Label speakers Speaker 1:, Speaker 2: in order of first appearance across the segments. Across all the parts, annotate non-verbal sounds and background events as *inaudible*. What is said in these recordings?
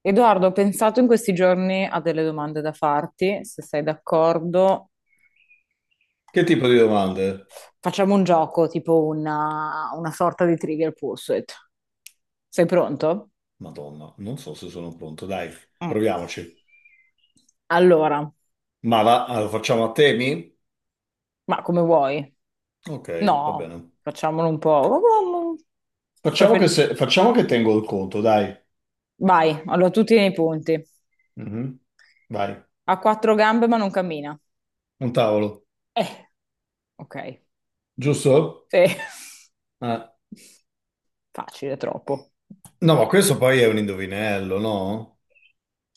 Speaker 1: Edoardo, ho pensato in questi giorni a delle domande da farti, se sei d'accordo.
Speaker 2: Che tipo di domande?
Speaker 1: Facciamo un gioco, tipo una sorta di Trivial Pursuit. Sei pronto?
Speaker 2: Madonna, non so se sono pronto. Dai,
Speaker 1: Mm.
Speaker 2: proviamoci.
Speaker 1: Allora,
Speaker 2: Ma va, allora, facciamo a temi?
Speaker 1: ma come vuoi?
Speaker 2: Ok, va
Speaker 1: No,
Speaker 2: bene.
Speaker 1: facciamolo un po'.
Speaker 2: Facciamo che,
Speaker 1: Prefer-
Speaker 2: facciamo che tengo il conto, dai.
Speaker 1: Vai, allora tu tieni i punti.
Speaker 2: Mhm. Vai,
Speaker 1: Ha quattro gambe ma non cammina.
Speaker 2: un tavolo,
Speaker 1: Eh, ok.
Speaker 2: giusto?
Speaker 1: Sì, *laughs*
Speaker 2: Ah,
Speaker 1: facile, troppo.
Speaker 2: no, ma questo poi è un indovinello, no?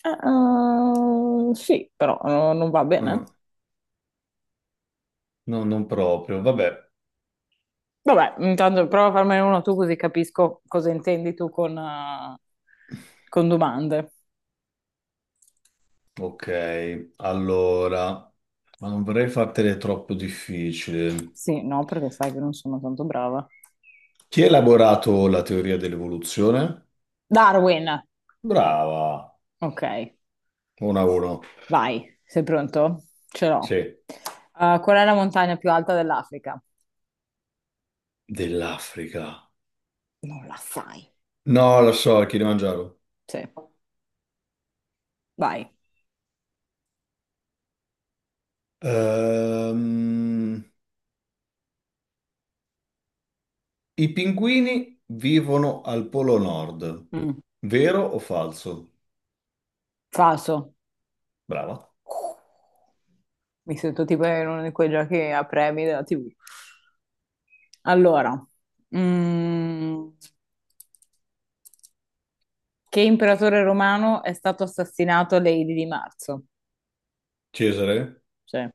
Speaker 1: Sì, però non va bene.
Speaker 2: Ah, no, non proprio. Vabbè.
Speaker 1: Vabbè, intanto prova a farmene uno tu così capisco cosa intendi tu con domande.
Speaker 2: Ok, allora, ma non vorrei fartele troppo difficile.
Speaker 1: Sì, no, perché sai che non sono tanto brava.
Speaker 2: Chi ha elaborato la teoria dell'evoluzione?
Speaker 1: Darwin,
Speaker 2: Brava.
Speaker 1: ok,
Speaker 2: 1 a 1.
Speaker 1: vai, sei pronto? Ce l'ho.
Speaker 2: Sì,
Speaker 1: Qual è la montagna più alta dell'Africa?
Speaker 2: dell'Africa.
Speaker 1: Non la sai.
Speaker 2: No, lo so, il Kilimangiaro.
Speaker 1: Sì, vai.
Speaker 2: Ehm, i pinguini vivono al Polo Nord.
Speaker 1: Mm.
Speaker 2: Vero o falso?
Speaker 1: Falso.
Speaker 2: Brava.
Speaker 1: Mi sento tipo in uno di quei giochi a premi della TV. Allora, mm, che imperatore romano è stato assassinato a Lady di Marzo?
Speaker 2: Cesare?
Speaker 1: Cioè,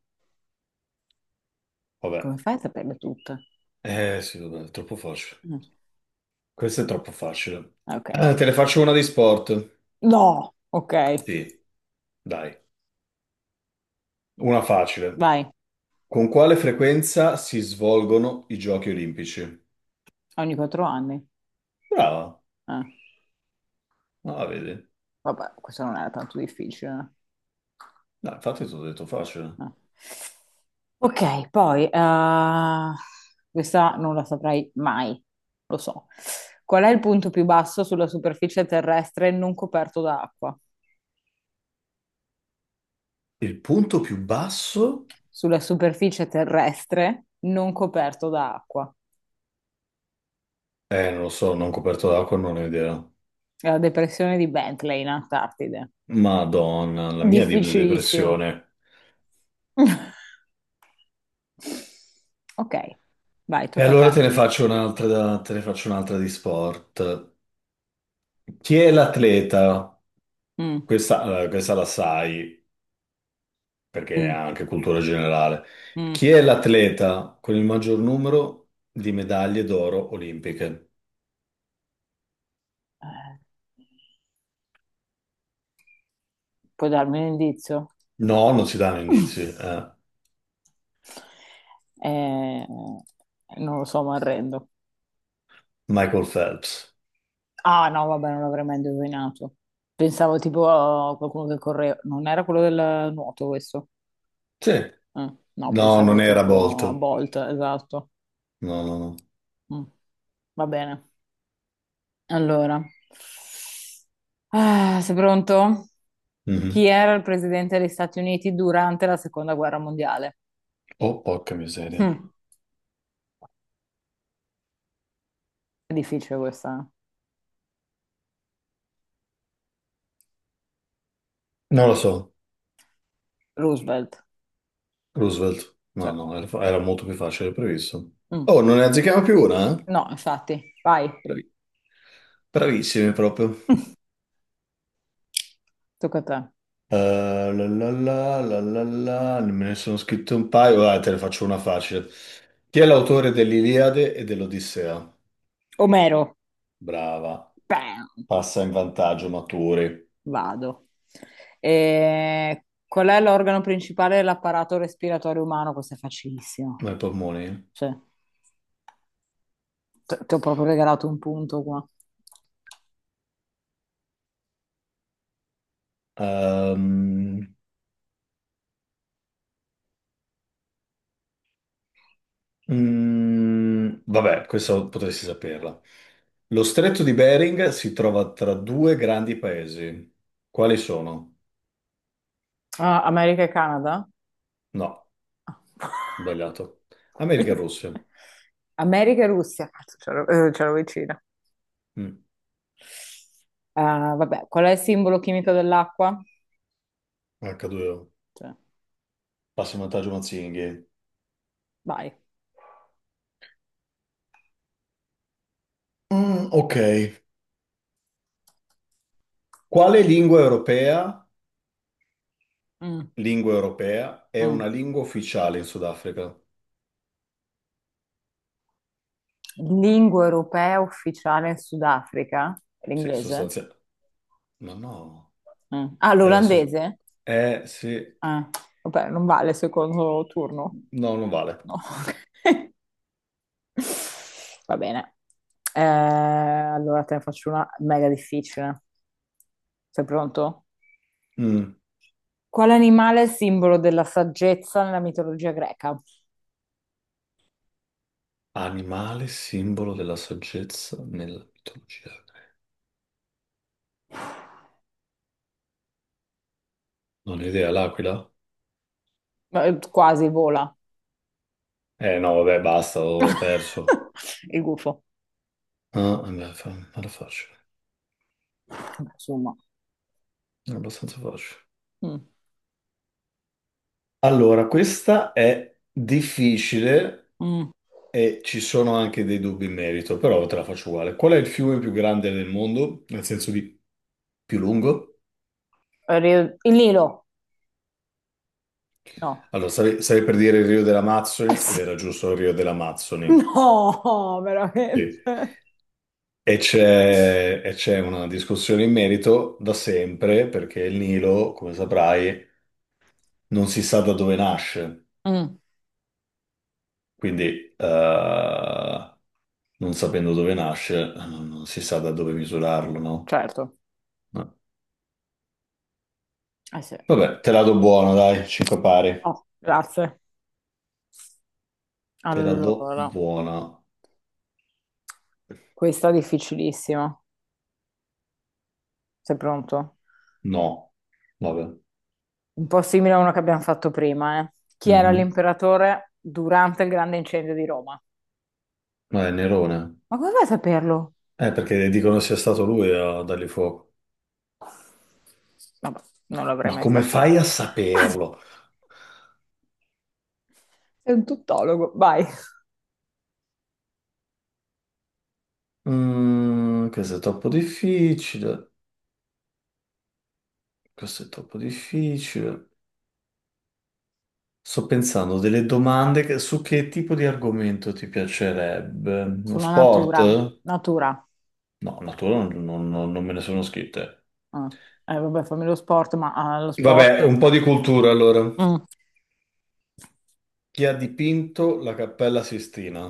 Speaker 2: Vabbè.
Speaker 1: come fai a saperle tutte?
Speaker 2: Eh sì, vabbè, è troppo facile.
Speaker 1: Mm,
Speaker 2: Questo è troppo facile.
Speaker 1: ok.
Speaker 2: Ah, te ne faccio una di sport.
Speaker 1: No! Ok,
Speaker 2: Sì, dai. Una facile.
Speaker 1: vai.
Speaker 2: Con quale frequenza si svolgono i giochi olimpici?
Speaker 1: Ogni quattro anni.
Speaker 2: Brava.
Speaker 1: Eh,
Speaker 2: Ah, vedi.
Speaker 1: Vabbè, questo non era tanto difficile.
Speaker 2: No, infatti ti ho detto
Speaker 1: Eh.
Speaker 2: facile.
Speaker 1: Ok, poi, questa non la saprei mai, lo so. Qual è il punto più basso sulla superficie terrestre non coperto da acqua?
Speaker 2: Il punto più basso?
Speaker 1: Sulla superficie terrestre non coperto da acqua.
Speaker 2: Non lo so, non coperto d'acqua, non ho idea.
Speaker 1: La depressione di Bentley in Antartide.
Speaker 2: Madonna, la mia
Speaker 1: Difficilissimo.
Speaker 2: depressione.
Speaker 1: *laughs* Ok, vai,
Speaker 2: E
Speaker 1: tocca a
Speaker 2: allora
Speaker 1: te.
Speaker 2: te ne faccio un'altra, te ne faccio un'altra di sport. Chi è l'atleta?
Speaker 1: Mm,
Speaker 2: Questa, allora, questa la sai, perché è
Speaker 1: mm,
Speaker 2: anche cultura generale.
Speaker 1: mm.
Speaker 2: Chi è l'atleta con il maggior numero di medaglie d'oro olimpiche?
Speaker 1: Eh, puoi darmi un indizio?
Speaker 2: No, non si danno indizi,
Speaker 1: *laughs*
Speaker 2: eh.
Speaker 1: Eh, non lo so, mi arrendo.
Speaker 2: Michael Phelps.
Speaker 1: Ah, no, vabbè, non l'avrei mai indovinato. Pensavo tipo a qualcuno che correva. Non era quello del nuoto questo?
Speaker 2: Sì.
Speaker 1: No,
Speaker 2: No,
Speaker 1: pensavo
Speaker 2: non era
Speaker 1: tipo a
Speaker 2: Bolt.
Speaker 1: Bolt, esatto.
Speaker 2: No, no, no.
Speaker 1: Mm, va bene. Allora, ah, sei pronto? Chi
Speaker 2: Mhm.
Speaker 1: era il presidente degli Stati Uniti durante la seconda guerra mondiale?
Speaker 2: Oh, porca miseria.
Speaker 1: Hm, è difficile questa.
Speaker 2: Non lo so,
Speaker 1: Eh. Roosevelt.
Speaker 2: Roosevelt. No,
Speaker 1: Cioè,
Speaker 2: no, era, era molto più facile del previsto. Oh,
Speaker 1: mm.
Speaker 2: non ne azzecchiamo più una, eh?
Speaker 1: No, infatti, vai.
Speaker 2: Bravi- Bravissimi proprio.
Speaker 1: *laughs* Tocca a te.
Speaker 2: Eh, Me ne sono scritto un paio, dai, te ne faccio una facile. Chi è l'autore dell'Iliade e dell'Odissea?
Speaker 1: Omero.
Speaker 2: Brava.
Speaker 1: Bam.
Speaker 2: Passa in vantaggio, maturi.
Speaker 1: Vado. E qual è l'organo principale dell'apparato respiratorio umano? Questo è
Speaker 2: Ma
Speaker 1: facilissimo.
Speaker 2: i polmoni?
Speaker 1: Cioè, ti ho proprio regalato un punto qua.
Speaker 2: Ehm, Mm, vabbè, questo potresti saperla. Lo stretto di Bering si trova tra due grandi paesi. Quali sono?
Speaker 1: Ah, America e Canada?
Speaker 2: No,
Speaker 1: *laughs*
Speaker 2: sbagliato. America e
Speaker 1: Quale-
Speaker 2: Russia.
Speaker 1: America e Russia, cazzo, c'ero, c'ero vicina.
Speaker 2: Mm,
Speaker 1: Ah, vabbè, qual è il simbolo chimico dell'acqua?
Speaker 2: H2O.
Speaker 1: Cioè,
Speaker 2: Passa in vantaggio Mazzinghi.
Speaker 1: vai.
Speaker 2: Mm, ok. Quale lingua europea,
Speaker 1: Mm,
Speaker 2: lingua europea è una
Speaker 1: mm.
Speaker 2: lingua ufficiale in Sudafrica?
Speaker 1: Lingua europea ufficiale in Sudafrica?
Speaker 2: Sì,
Speaker 1: L'inglese?
Speaker 2: sostanzialmente. Ma no,
Speaker 1: Mm. Ah,
Speaker 2: era so-
Speaker 1: l'olandese?
Speaker 2: eh, sì.
Speaker 1: Ah, vabbè, non vale il secondo turno.
Speaker 2: No, non vale.
Speaker 1: No. *laughs* Va bene. Allora te ne faccio una mega difficile. Sei pronto?
Speaker 2: Mm.
Speaker 1: Quale animale è simbolo della saggezza nella mitologia greca?
Speaker 2: Animale simbolo della saggezza nella mitologia greca. Non ho idea, l'aquila?
Speaker 1: Quasi vola.
Speaker 2: Eh no, vabbè, basta, ho perso.
Speaker 1: *laughs* Il gufo.
Speaker 2: Ah, vabbè, era facile,
Speaker 1: Vabbè, insomma.
Speaker 2: era abbastanza facile.
Speaker 1: Mm.
Speaker 2: Allora, questa è difficile
Speaker 1: Mm.
Speaker 2: e ci sono anche dei dubbi in merito, però te la faccio uguale. Qual è il fiume più grande del mondo, nel senso di più lungo?
Speaker 1: Il Nilo? No.
Speaker 2: Allora, stavi per dire il Rio delle
Speaker 1: Eh
Speaker 2: Amazzoni ed
Speaker 1: sì. *laughs*
Speaker 2: era giusto il Rio delle Amazzoni.
Speaker 1: No,
Speaker 2: Sì.
Speaker 1: veramente.
Speaker 2: E c'è una discussione in merito da sempre, perché il Nilo, come saprai, non si sa da dove nasce.
Speaker 1: Mm,
Speaker 2: Quindi, eh, non sapendo dove nasce, non si sa da dove misurarlo, no?
Speaker 1: certo.
Speaker 2: No.
Speaker 1: Eh sì.
Speaker 2: Vabbè, te la do buona, dai, 5 pari.
Speaker 1: Oh, grazie.
Speaker 2: Te la do
Speaker 1: Allora,
Speaker 2: buona.
Speaker 1: questa è difficilissima. Sei pronto?
Speaker 2: No. Vabbè.
Speaker 1: Un po' simile a una che abbiamo fatto prima, eh. Chi era
Speaker 2: Mhm.
Speaker 1: l'imperatore durante il grande incendio di Roma?
Speaker 2: Ma è Nerone.
Speaker 1: Ma come fai a saperlo?
Speaker 2: Perché dicono sia stato lui a dargli fuoco.
Speaker 1: Vabbè, non l'avrei
Speaker 2: Ma
Speaker 1: mai
Speaker 2: come fai
Speaker 1: saputo.
Speaker 2: a saperlo?
Speaker 1: Sei un tuttologo, vai.
Speaker 2: Mm, questo è troppo difficile. Questo è troppo difficile. Sto pensando delle su che tipo di argomento ti piacerebbe? Uno
Speaker 1: Sulla
Speaker 2: sport?
Speaker 1: natura, natura.
Speaker 2: No, natura non me ne sono scritte.
Speaker 1: Ah. Vabbè, fammi lo sport, ma ah, lo sport...
Speaker 2: Vabbè, un po' di cultura allora.
Speaker 1: Mm.
Speaker 2: Chi ha dipinto la Cappella Sistina?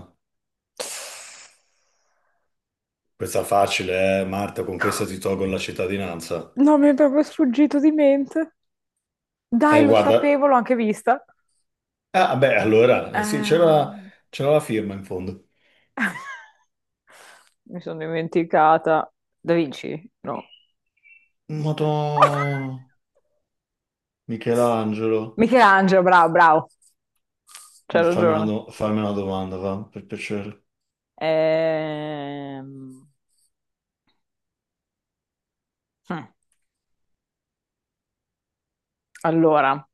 Speaker 2: Questa facile, Marta, con questa ti tolgo la cittadinanza.
Speaker 1: No, mi è proprio sfuggito di mente. Dai, lo
Speaker 2: Guarda.
Speaker 1: sapevo, l'ho anche vista.
Speaker 2: Ah, beh, allora, sì, c'era
Speaker 1: Ehm.
Speaker 2: c'era la firma in fondo.
Speaker 1: *laughs* Mi sono dimenticata. Da Vinci? No.
Speaker 2: Madonna, Michelangelo.
Speaker 1: Michelangelo, bravo, bravo. C'hai ragione.
Speaker 2: Fammi una domanda, va, per piacere.
Speaker 1: Ehm, Mm. Allora,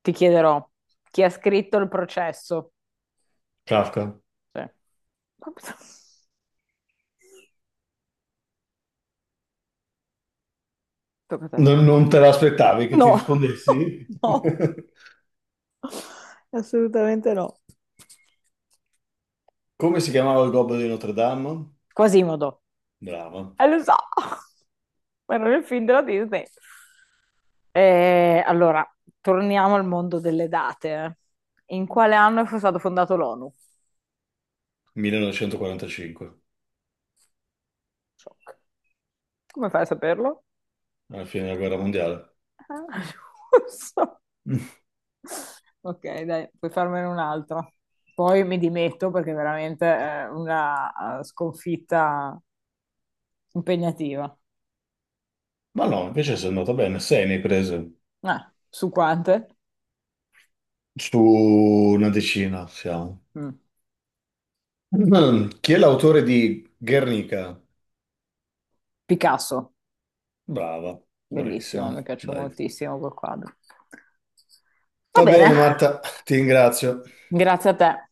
Speaker 1: ti chiederò chi ha scritto il processo?
Speaker 2: Kafka.
Speaker 1: Cioè, tocca a te.
Speaker 2: Non, non te l'aspettavi che ti
Speaker 1: No, *laughs*
Speaker 2: rispondessi? *laughs*
Speaker 1: no, assolutamente no.
Speaker 2: Come si chiamava il Gobbo di Notre Dame?
Speaker 1: Quasimodo.
Speaker 2: Brava.
Speaker 1: E lo so, *laughs* era nel film della Disney. Allora, torniamo al mondo delle date. Eh. In quale anno è stato fondato l'ONU?
Speaker 2: 1945,
Speaker 1: Shock. Come fai a saperlo?
Speaker 2: alla fine della guerra mondiale.
Speaker 1: Ah, *laughs* non so.
Speaker 2: *laughs*
Speaker 1: Ok, dai, puoi farmene un'altra. Poi mi dimetto perché veramente è una sconfitta impegnativa.
Speaker 2: Ma no, invece sei andata bene, sei ne hai prese.
Speaker 1: Ah, su quante?
Speaker 2: Su una decina siamo.
Speaker 1: Mm.
Speaker 2: Mm, chi è l'autore di Guernica?
Speaker 1: Picasso,
Speaker 2: Brava,
Speaker 1: bellissimo,
Speaker 2: bravissima,
Speaker 1: mi piace
Speaker 2: dai.
Speaker 1: moltissimo quel quadro. Va
Speaker 2: Va
Speaker 1: bene.
Speaker 2: bene, Marta, ti ringrazio.
Speaker 1: Grazie a te.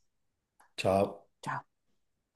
Speaker 2: Ciao.
Speaker 1: Ciao.